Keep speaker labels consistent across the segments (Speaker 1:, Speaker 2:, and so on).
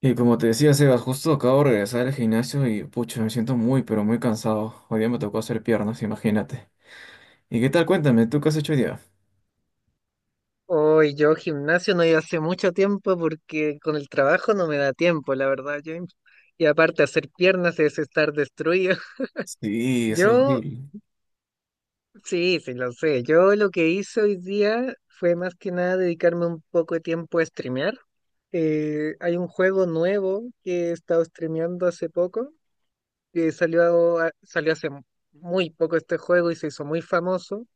Speaker 1: Y como te decía, Sebas, justo acabo de regresar al gimnasio y pucha, me siento muy, pero muy cansado. Hoy día me tocó hacer piernas, imagínate. ¿Y qué tal? Cuéntame, ¿tú qué has hecho hoy día?
Speaker 2: Hoy yo gimnasio no iba hace mucho tiempo porque con el trabajo no me da tiempo, la verdad, James. Y aparte hacer piernas es estar destruido.
Speaker 1: Sí, es
Speaker 2: Yo,
Speaker 1: horrible.
Speaker 2: sí, sí, lo sé. Yo lo que hice hoy día fue más que nada dedicarme un poco de tiempo a streamear. Hay un juego nuevo que he estado streameando hace poco, que salió, salió hace muy poco este juego y se hizo muy famoso.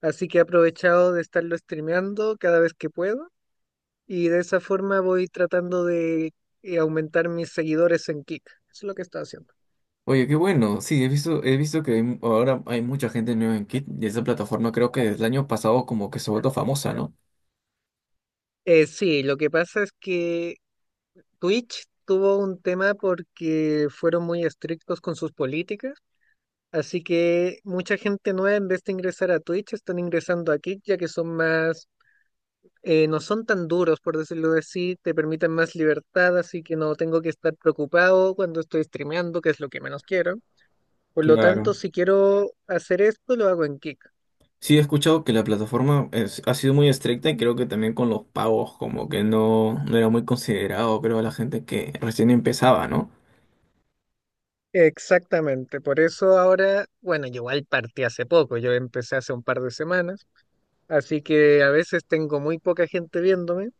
Speaker 2: Así que he aprovechado de estarlo streameando cada vez que puedo. Y de esa forma voy tratando de aumentar mis seguidores en Kick. Eso es lo que estoy haciendo.
Speaker 1: Oye, qué bueno. Sí, he visto que hay ahora hay mucha gente nueva en Kit y esa plataforma creo que desde el año pasado como que se ha vuelto famosa, ¿no?
Speaker 2: Sí, lo que pasa es que Twitch tuvo un tema porque fueron muy estrictos con sus políticas, así que mucha gente nueva en vez de ingresar a Twitch están ingresando a Kick ya que son más, no son tan duros por decirlo así, te permiten más libertad, así que no tengo que estar preocupado cuando estoy streameando, que es lo que menos quiero. Por lo
Speaker 1: Claro.
Speaker 2: tanto, si quiero hacer esto, lo hago en Kick.
Speaker 1: Sí, he escuchado que la plataforma ha sido muy estricta y creo que también con los pagos como que no, no era muy considerado, creo, a la gente que recién empezaba, ¿no?
Speaker 2: Exactamente, por eso ahora, bueno, yo igual partí hace poco, yo empecé hace un par de semanas, así que a veces tengo muy poca gente viéndome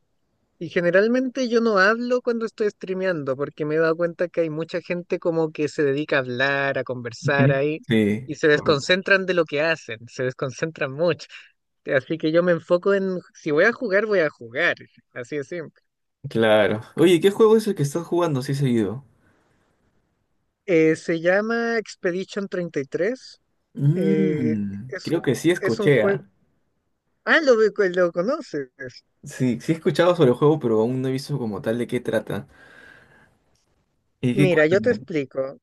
Speaker 2: y generalmente yo no hablo cuando estoy streameando porque me he dado cuenta que hay mucha gente como que se dedica a hablar, a conversar
Speaker 1: Ujú.
Speaker 2: ahí
Speaker 1: Sí.
Speaker 2: y se desconcentran de lo que hacen, se desconcentran mucho. Así que yo me enfoco en, si voy a jugar, voy a jugar, así de simple.
Speaker 1: Claro. Oye, ¿qué juego es el que estás jugando así seguido?
Speaker 2: Se llama Expedition 33, eh,
Speaker 1: Mmm,
Speaker 2: es
Speaker 1: creo
Speaker 2: un...
Speaker 1: que sí
Speaker 2: Es un
Speaker 1: escuché,
Speaker 2: juego.
Speaker 1: ¿ah?
Speaker 2: Pues, lo conoces.
Speaker 1: Sí, sí he escuchado sobre el juego, pero aún no he visto como tal de qué trata. ¿Y qué
Speaker 2: Mira, yo te
Speaker 1: cuéntame?
Speaker 2: explico.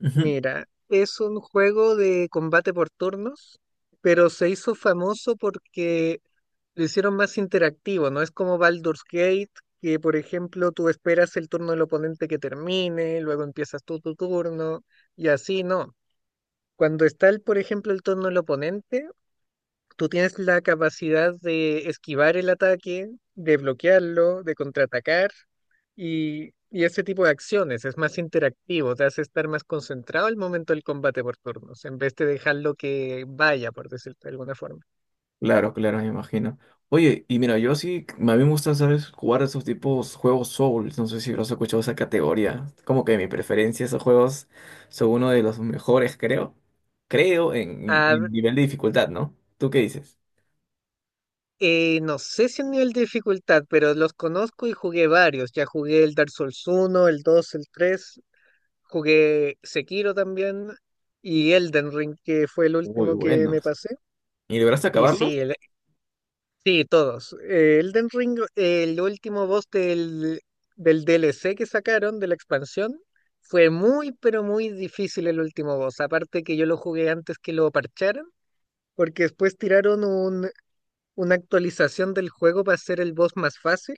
Speaker 1: Ujú.
Speaker 2: Mira, es un juego de combate por turnos, pero se hizo famoso porque lo hicieron más interactivo, ¿no? Es como Baldur's Gate, que por ejemplo tú esperas el turno del oponente que termine, luego empiezas tú tu turno, y así no. Cuando está, el, por ejemplo, el turno del oponente, tú tienes la capacidad de esquivar el ataque, de bloquearlo, de contraatacar. Y ese tipo de acciones es más interactivo, te hace estar más concentrado al momento del combate por turnos, en vez de dejarlo que vaya, por decirlo de alguna forma.
Speaker 1: Claro, claro, me imagino. Oye, y mira, yo sí, a mí me gusta, ¿sabes? Jugar esos tipos juegos Souls. No sé si habrás escuchado esa categoría. Como que mi preferencia, esos juegos son uno de los mejores, creo. Creo
Speaker 2: A v-
Speaker 1: en nivel de dificultad, ¿no? ¿Tú qué dices?
Speaker 2: no sé si el nivel de dificultad, pero los conozco y jugué varios. Ya jugué el Dark Souls uno, el dos, el tres, jugué Sekiro también y Elden Ring, que fue el
Speaker 1: Muy
Speaker 2: último que me
Speaker 1: buenos.
Speaker 2: pasé.
Speaker 1: ¿Y lograste
Speaker 2: Y
Speaker 1: acabarlos?
Speaker 2: sí, el, Sí, todos. Elden Ring, el último boss del DLC que sacaron de la expansión, fue muy, pero muy difícil el último boss. Aparte que yo lo jugué antes que lo parcharan, porque después tiraron una actualización del juego para hacer el boss más fácil.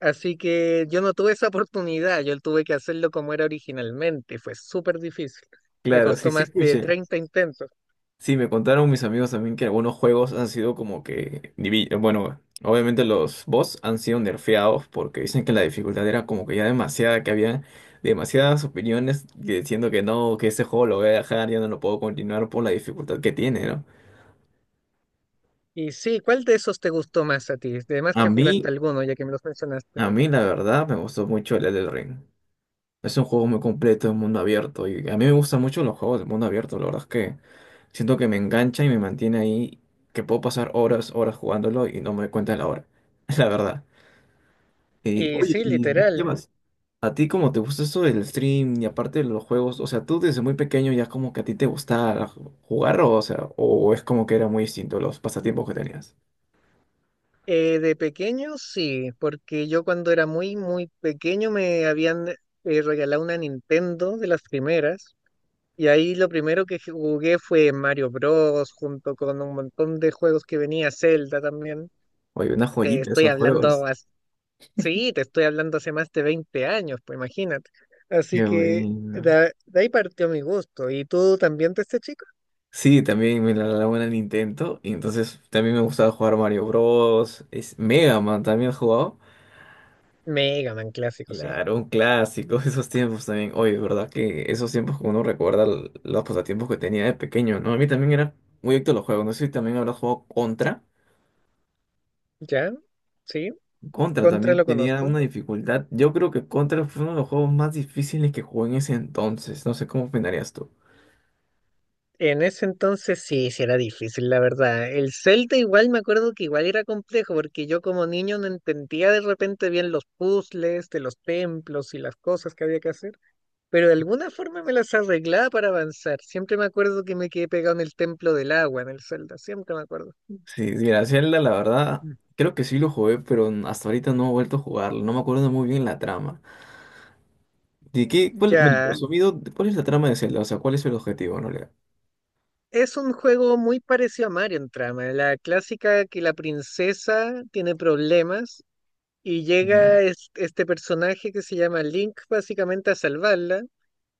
Speaker 2: Así que yo no tuve esa oportunidad, yo tuve que hacerlo como era originalmente. Fue súper difícil. Me
Speaker 1: Claro, sí,
Speaker 2: costó
Speaker 1: sí
Speaker 2: más de
Speaker 1: escuché.
Speaker 2: 30 intentos.
Speaker 1: Sí, me contaron mis amigos también que algunos juegos han sido como que, bueno, obviamente los boss han sido nerfeados porque dicen que la dificultad era como que ya demasiada, que había demasiadas opiniones diciendo que no, que ese juego lo voy a dejar, ya no lo puedo continuar por la dificultad que tiene, ¿no?
Speaker 2: Y sí, ¿cuál de esos te gustó más a ti? Además
Speaker 1: A
Speaker 2: que
Speaker 1: mí,
Speaker 2: jugaste alguno, ya que me los mencionaste.
Speaker 1: a mí la verdad me gustó mucho el Elden Ring. Es un juego muy completo, un mundo abierto y a mí me gustan mucho los juegos de mundo abierto, la verdad es que siento que me engancha y me mantiene ahí, que puedo pasar horas, horas jugándolo y no me doy cuenta de la hora, la verdad. Oye,
Speaker 2: Sí,
Speaker 1: y ¿qué
Speaker 2: literal.
Speaker 1: más? ¿A ti cómo te gusta esto del stream y aparte de los juegos? O sea, tú desde muy pequeño ya como que a ti te gustaba jugar o sea, o es como que era muy distinto los pasatiempos que tenías.
Speaker 2: De pequeño sí, porque yo cuando era muy, muy pequeño me habían regalado una Nintendo de las primeras y ahí lo primero que jugué fue Mario Bros. Junto con un montón de juegos que venía Zelda también.
Speaker 1: Oye, una
Speaker 2: Te
Speaker 1: joyita
Speaker 2: estoy
Speaker 1: esos
Speaker 2: hablando,
Speaker 1: juegos.
Speaker 2: as- Sí, te estoy hablando hace más de 20 años, pues imagínate. Así
Speaker 1: Qué
Speaker 2: que
Speaker 1: bueno.
Speaker 2: de ahí partió mi gusto. ¿Y tú también de este chico?
Speaker 1: Sí, también me la daba una Nintendo y entonces también me gustaba jugar Mario Bros. Es Mega Man, también he jugado.
Speaker 2: Mega Man clásico, sí.
Speaker 1: Claro, un clásico, esos tiempos también. Oye, verdad que esos tiempos que uno recuerda los pasatiempos que tenía de pequeño, ¿no? A mí también era muy adicto a los juegos. No sé si también habrás jugado Contra.
Speaker 2: ¿Ya? Sí,
Speaker 1: Contra
Speaker 2: contra
Speaker 1: también
Speaker 2: lo
Speaker 1: tenía
Speaker 2: conozco.
Speaker 1: una dificultad. Yo creo que Contra fue uno de los juegos más difíciles que jugué en ese entonces. No sé cómo opinarías tú.
Speaker 2: En ese entonces sí, sí era difícil, la verdad. El Zelda igual me acuerdo que igual era complejo, porque yo como niño no entendía de repente bien los puzzles de los templos y las cosas que había que hacer, pero de alguna forma me las arreglaba para avanzar. Siempre me acuerdo que me quedé pegado en el templo del agua, en el Zelda, siempre me acuerdo.
Speaker 1: Sí, mira, Zelda, la verdad,
Speaker 2: Mm.
Speaker 1: creo que sí lo jugué, pero hasta ahorita no he vuelto a jugarlo. No me acuerdo muy bien la trama. ¿De qué? ¿Cuál, bueno,
Speaker 2: Ya,
Speaker 1: resumido, cuál es la trama de Zelda? O sea, ¿cuál es el objetivo en realidad?
Speaker 2: es un juego muy parecido a Mario en trama, la clásica que la princesa tiene problemas. Y
Speaker 1: Ujú.
Speaker 2: llega este personaje que se llama Link básicamente a salvarla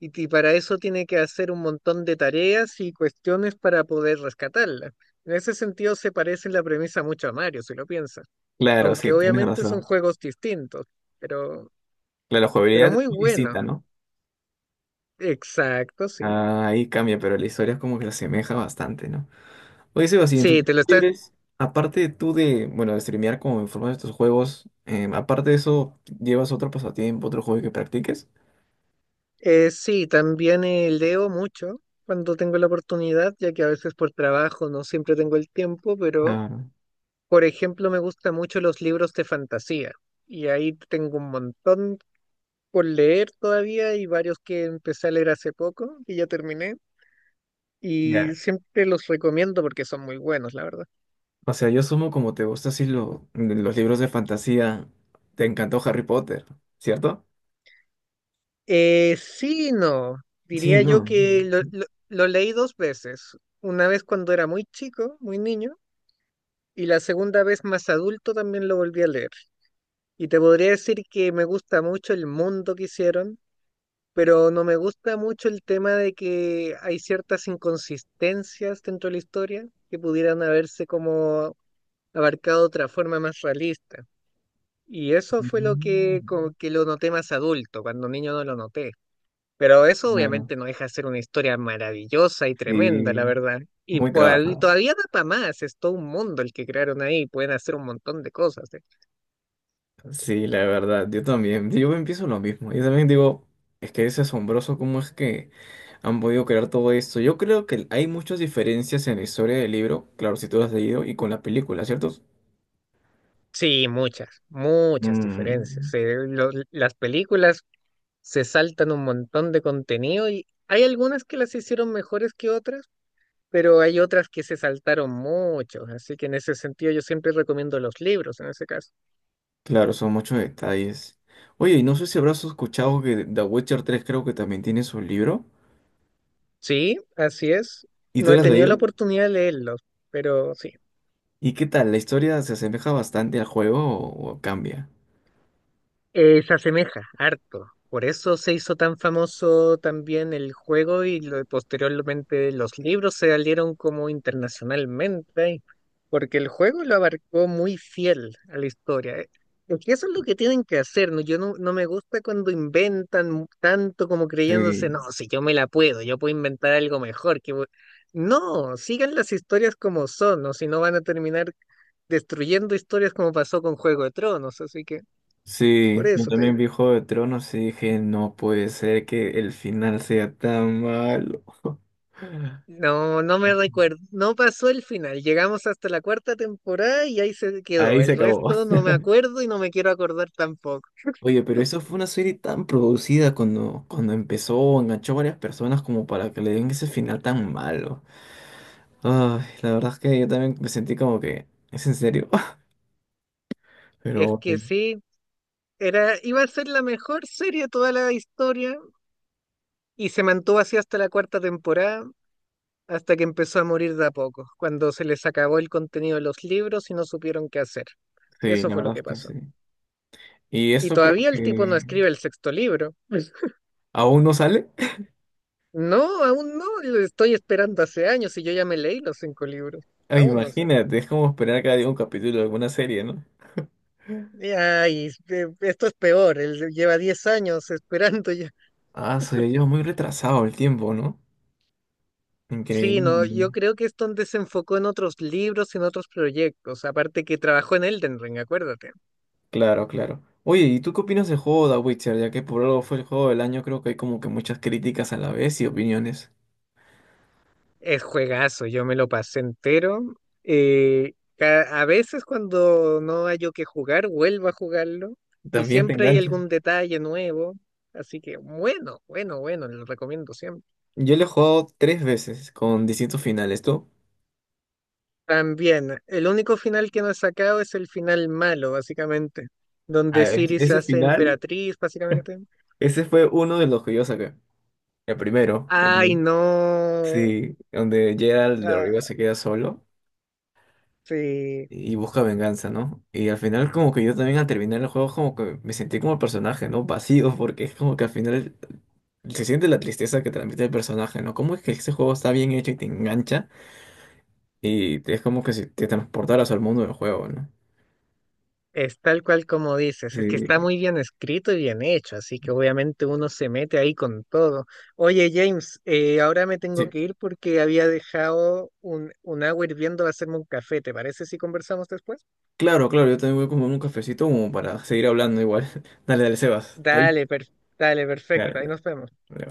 Speaker 2: y para eso tiene que hacer un montón de tareas y cuestiones para poder rescatarla. En ese sentido se parece en la premisa mucho a Mario, si lo piensas,
Speaker 1: Claro,
Speaker 2: aunque
Speaker 1: sí, tienes
Speaker 2: obviamente son
Speaker 1: razón.
Speaker 2: juegos distintos, pero,
Speaker 1: Claro, la
Speaker 2: pero
Speaker 1: jugabilidad es
Speaker 2: muy
Speaker 1: muy distinta,
Speaker 2: bueno.
Speaker 1: ¿no?
Speaker 2: Exacto, sí.
Speaker 1: Ah, ahí cambia, pero la historia es como que se asemeja bastante, ¿no? Oye, Sebas, y en tus
Speaker 2: Sí, te lo
Speaker 1: tiempos
Speaker 2: estás...
Speaker 1: libres, aparte tú de, bueno, de streamear como en forma de estos juegos, aparte de eso, ¿llevas otro pasatiempo, otro juego que practiques?
Speaker 2: sí, también leo mucho cuando tengo la oportunidad, ya que a veces por trabajo no siempre tengo el tiempo, pero...
Speaker 1: Ah,
Speaker 2: Por ejemplo, me gustan mucho los libros de fantasía y ahí tengo un montón por leer todavía y varios que empecé a leer hace poco y ya terminé y
Speaker 1: ya.
Speaker 2: siempre los recomiendo porque son muy buenos, la verdad.
Speaker 1: O sea, yo sumo como te gusta así los libros de fantasía, te encantó Harry Potter, ¿cierto?
Speaker 2: Sí, no,
Speaker 1: Sí, sí.
Speaker 2: diría yo
Speaker 1: No.
Speaker 2: que lo leí dos veces, una vez cuando era muy chico, muy niño. Y la segunda vez más adulto también lo volví a leer. Y te podría decir que me gusta mucho el mundo que hicieron, pero no me gusta mucho el tema de que hay ciertas inconsistencias dentro de la historia que pudieran haberse como abarcado de otra forma más realista. Y eso fue lo que,
Speaker 1: Mm.
Speaker 2: como que lo noté más adulto, cuando niño no lo noté. Pero eso
Speaker 1: Claro.
Speaker 2: obviamente no deja de ser una historia maravillosa y tremenda, la
Speaker 1: Sí,
Speaker 2: verdad. Y
Speaker 1: muy
Speaker 2: pues,
Speaker 1: trabajado.
Speaker 2: todavía da para más, es todo un mundo el que crearon ahí, pueden hacer un montón de cosas, ¿eh?
Speaker 1: Sí, la verdad, yo también, yo empiezo lo mismo. Yo también digo, es que es asombroso cómo es que han podido crear todo esto. Yo creo que hay muchas diferencias en la historia del libro, claro, si tú lo has leído, y con la película, ¿cierto?
Speaker 2: Sí, muchas, muchas diferencias.
Speaker 1: Mm,
Speaker 2: Las películas se saltan un montón de contenido y hay algunas que las hicieron mejores que otras, pero hay otras que se saltaron mucho, así que en ese sentido yo siempre recomiendo los libros en ese caso.
Speaker 1: claro, son muchos detalles. Oye, y no sé si habrás escuchado que The Witcher 3 creo que también tiene su libro.
Speaker 2: Sí, así es.
Speaker 1: ¿Y
Speaker 2: No
Speaker 1: tú
Speaker 2: he
Speaker 1: lo has
Speaker 2: tenido la
Speaker 1: leído?
Speaker 2: oportunidad de leerlos, pero sí.
Speaker 1: ¿Y qué tal? ¿La historia se asemeja bastante al juego o cambia?
Speaker 2: Se asemeja harto. Por eso se hizo tan famoso también el juego y posteriormente los libros se salieron como internacionalmente, ¿eh? Porque el juego lo abarcó muy fiel a la historia, ¿eh? Es que eso es lo que tienen que hacer, ¿no? Yo no, no me gusta cuando inventan tanto como creyéndose, no,
Speaker 1: Sí.
Speaker 2: si yo me la puedo, yo puedo inventar algo mejor. Que... voy-". No, sigan las historias como son, o si no van a terminar destruyendo historias como pasó con Juego de Tronos, así que por
Speaker 1: Sí, yo
Speaker 2: eso te
Speaker 1: también
Speaker 2: digo.
Speaker 1: vi Juego de Tronos y dije, no puede ser que el final sea tan malo.
Speaker 2: No, no me recuerdo. No pasó el final. Llegamos hasta la cuarta temporada y ahí se quedó.
Speaker 1: Ahí se
Speaker 2: El
Speaker 1: acabó.
Speaker 2: resto no me acuerdo y no me quiero acordar tampoco.
Speaker 1: Oye, pero eso fue una serie tan producida cuando empezó, enganchó a varias personas como para que le den ese final tan malo. Ay, la verdad es que yo también me sentí como que, es en serio.
Speaker 2: Es
Speaker 1: Pero
Speaker 2: que
Speaker 1: bueno,
Speaker 2: sí, era, iba a ser la mejor serie de toda la historia y se mantuvo así hasta la cuarta temporada, hasta que empezó a morir de a poco, cuando se les acabó el contenido de los libros y no supieron qué hacer.
Speaker 1: sí,
Speaker 2: Eso
Speaker 1: la
Speaker 2: fue lo
Speaker 1: verdad es
Speaker 2: que
Speaker 1: que
Speaker 2: pasó.
Speaker 1: sí. Y
Speaker 2: Y
Speaker 1: esto creo
Speaker 2: todavía el tipo no
Speaker 1: que
Speaker 2: escribe el sexto libro.
Speaker 1: aún no sale.
Speaker 2: No, aún no. Lo estoy esperando hace años y yo ya me leí los cinco libros.
Speaker 1: Ah,
Speaker 2: Aún no sé.
Speaker 1: imagínate, es como esperar cada día un capítulo de alguna serie, ¿no?
Speaker 2: Esto es peor, él lleva 10 años esperando ya.
Speaker 1: Ah, soy yo muy retrasado el tiempo, ¿no?
Speaker 2: Sí, no, yo
Speaker 1: Increíble.
Speaker 2: creo que es donde se enfocó en otros libros, en otros proyectos, aparte que trabajó en Elden Ring, acuérdate.
Speaker 1: Claro, claro. Oye, ¿y tú qué opinas del juego de Witcher? Ya que por algo fue el juego del año, creo que hay como que muchas críticas a la vez y opiniones.
Speaker 2: Es juegazo, yo me lo pasé entero. A veces cuando no hay yo que jugar, vuelvo a jugarlo y
Speaker 1: También te
Speaker 2: siempre hay
Speaker 1: engancha.
Speaker 2: algún detalle nuevo, así que bueno, bueno, bueno, lo recomiendo siempre.
Speaker 1: Yo lo he jugado tres veces con distintos finales. ¿Tú?
Speaker 2: También, el único final que no he sacado es el final malo, básicamente,
Speaker 1: A
Speaker 2: donde
Speaker 1: ver,
Speaker 2: Ciri se
Speaker 1: ese
Speaker 2: hace
Speaker 1: final,
Speaker 2: emperatriz, básicamente.
Speaker 1: ese fue uno de los que yo saqué. El primero.
Speaker 2: Ay, no.
Speaker 1: Sí, donde Geralt de Rivia
Speaker 2: Ah,
Speaker 1: se queda solo
Speaker 2: sí,
Speaker 1: y busca venganza, ¿no? Y al final como que yo también al terminar el juego como que me sentí como el personaje, ¿no? Vacío, porque es como que al final se siente la tristeza que transmite el personaje, ¿no? ¿Cómo es que ese juego está bien hecho y te engancha y es como que si te transportaras al mundo del juego, ¿no?
Speaker 2: es tal cual como dices, es que está
Speaker 1: Sí,
Speaker 2: muy bien escrito y bien hecho, así que obviamente uno se mete ahí con todo. Oye, James, ahora me tengo
Speaker 1: sí.
Speaker 2: que ir porque había dejado un agua hirviendo a hacerme un café, ¿te parece si conversamos después?
Speaker 1: Claro, claro, yo también voy como en un cafecito como para seguir hablando igual. Dale, dale, Sebas. Te aviso.
Speaker 2: Dale, per- Dale,
Speaker 1: Dale,
Speaker 2: perfecto, ahí nos vemos.
Speaker 1: dale.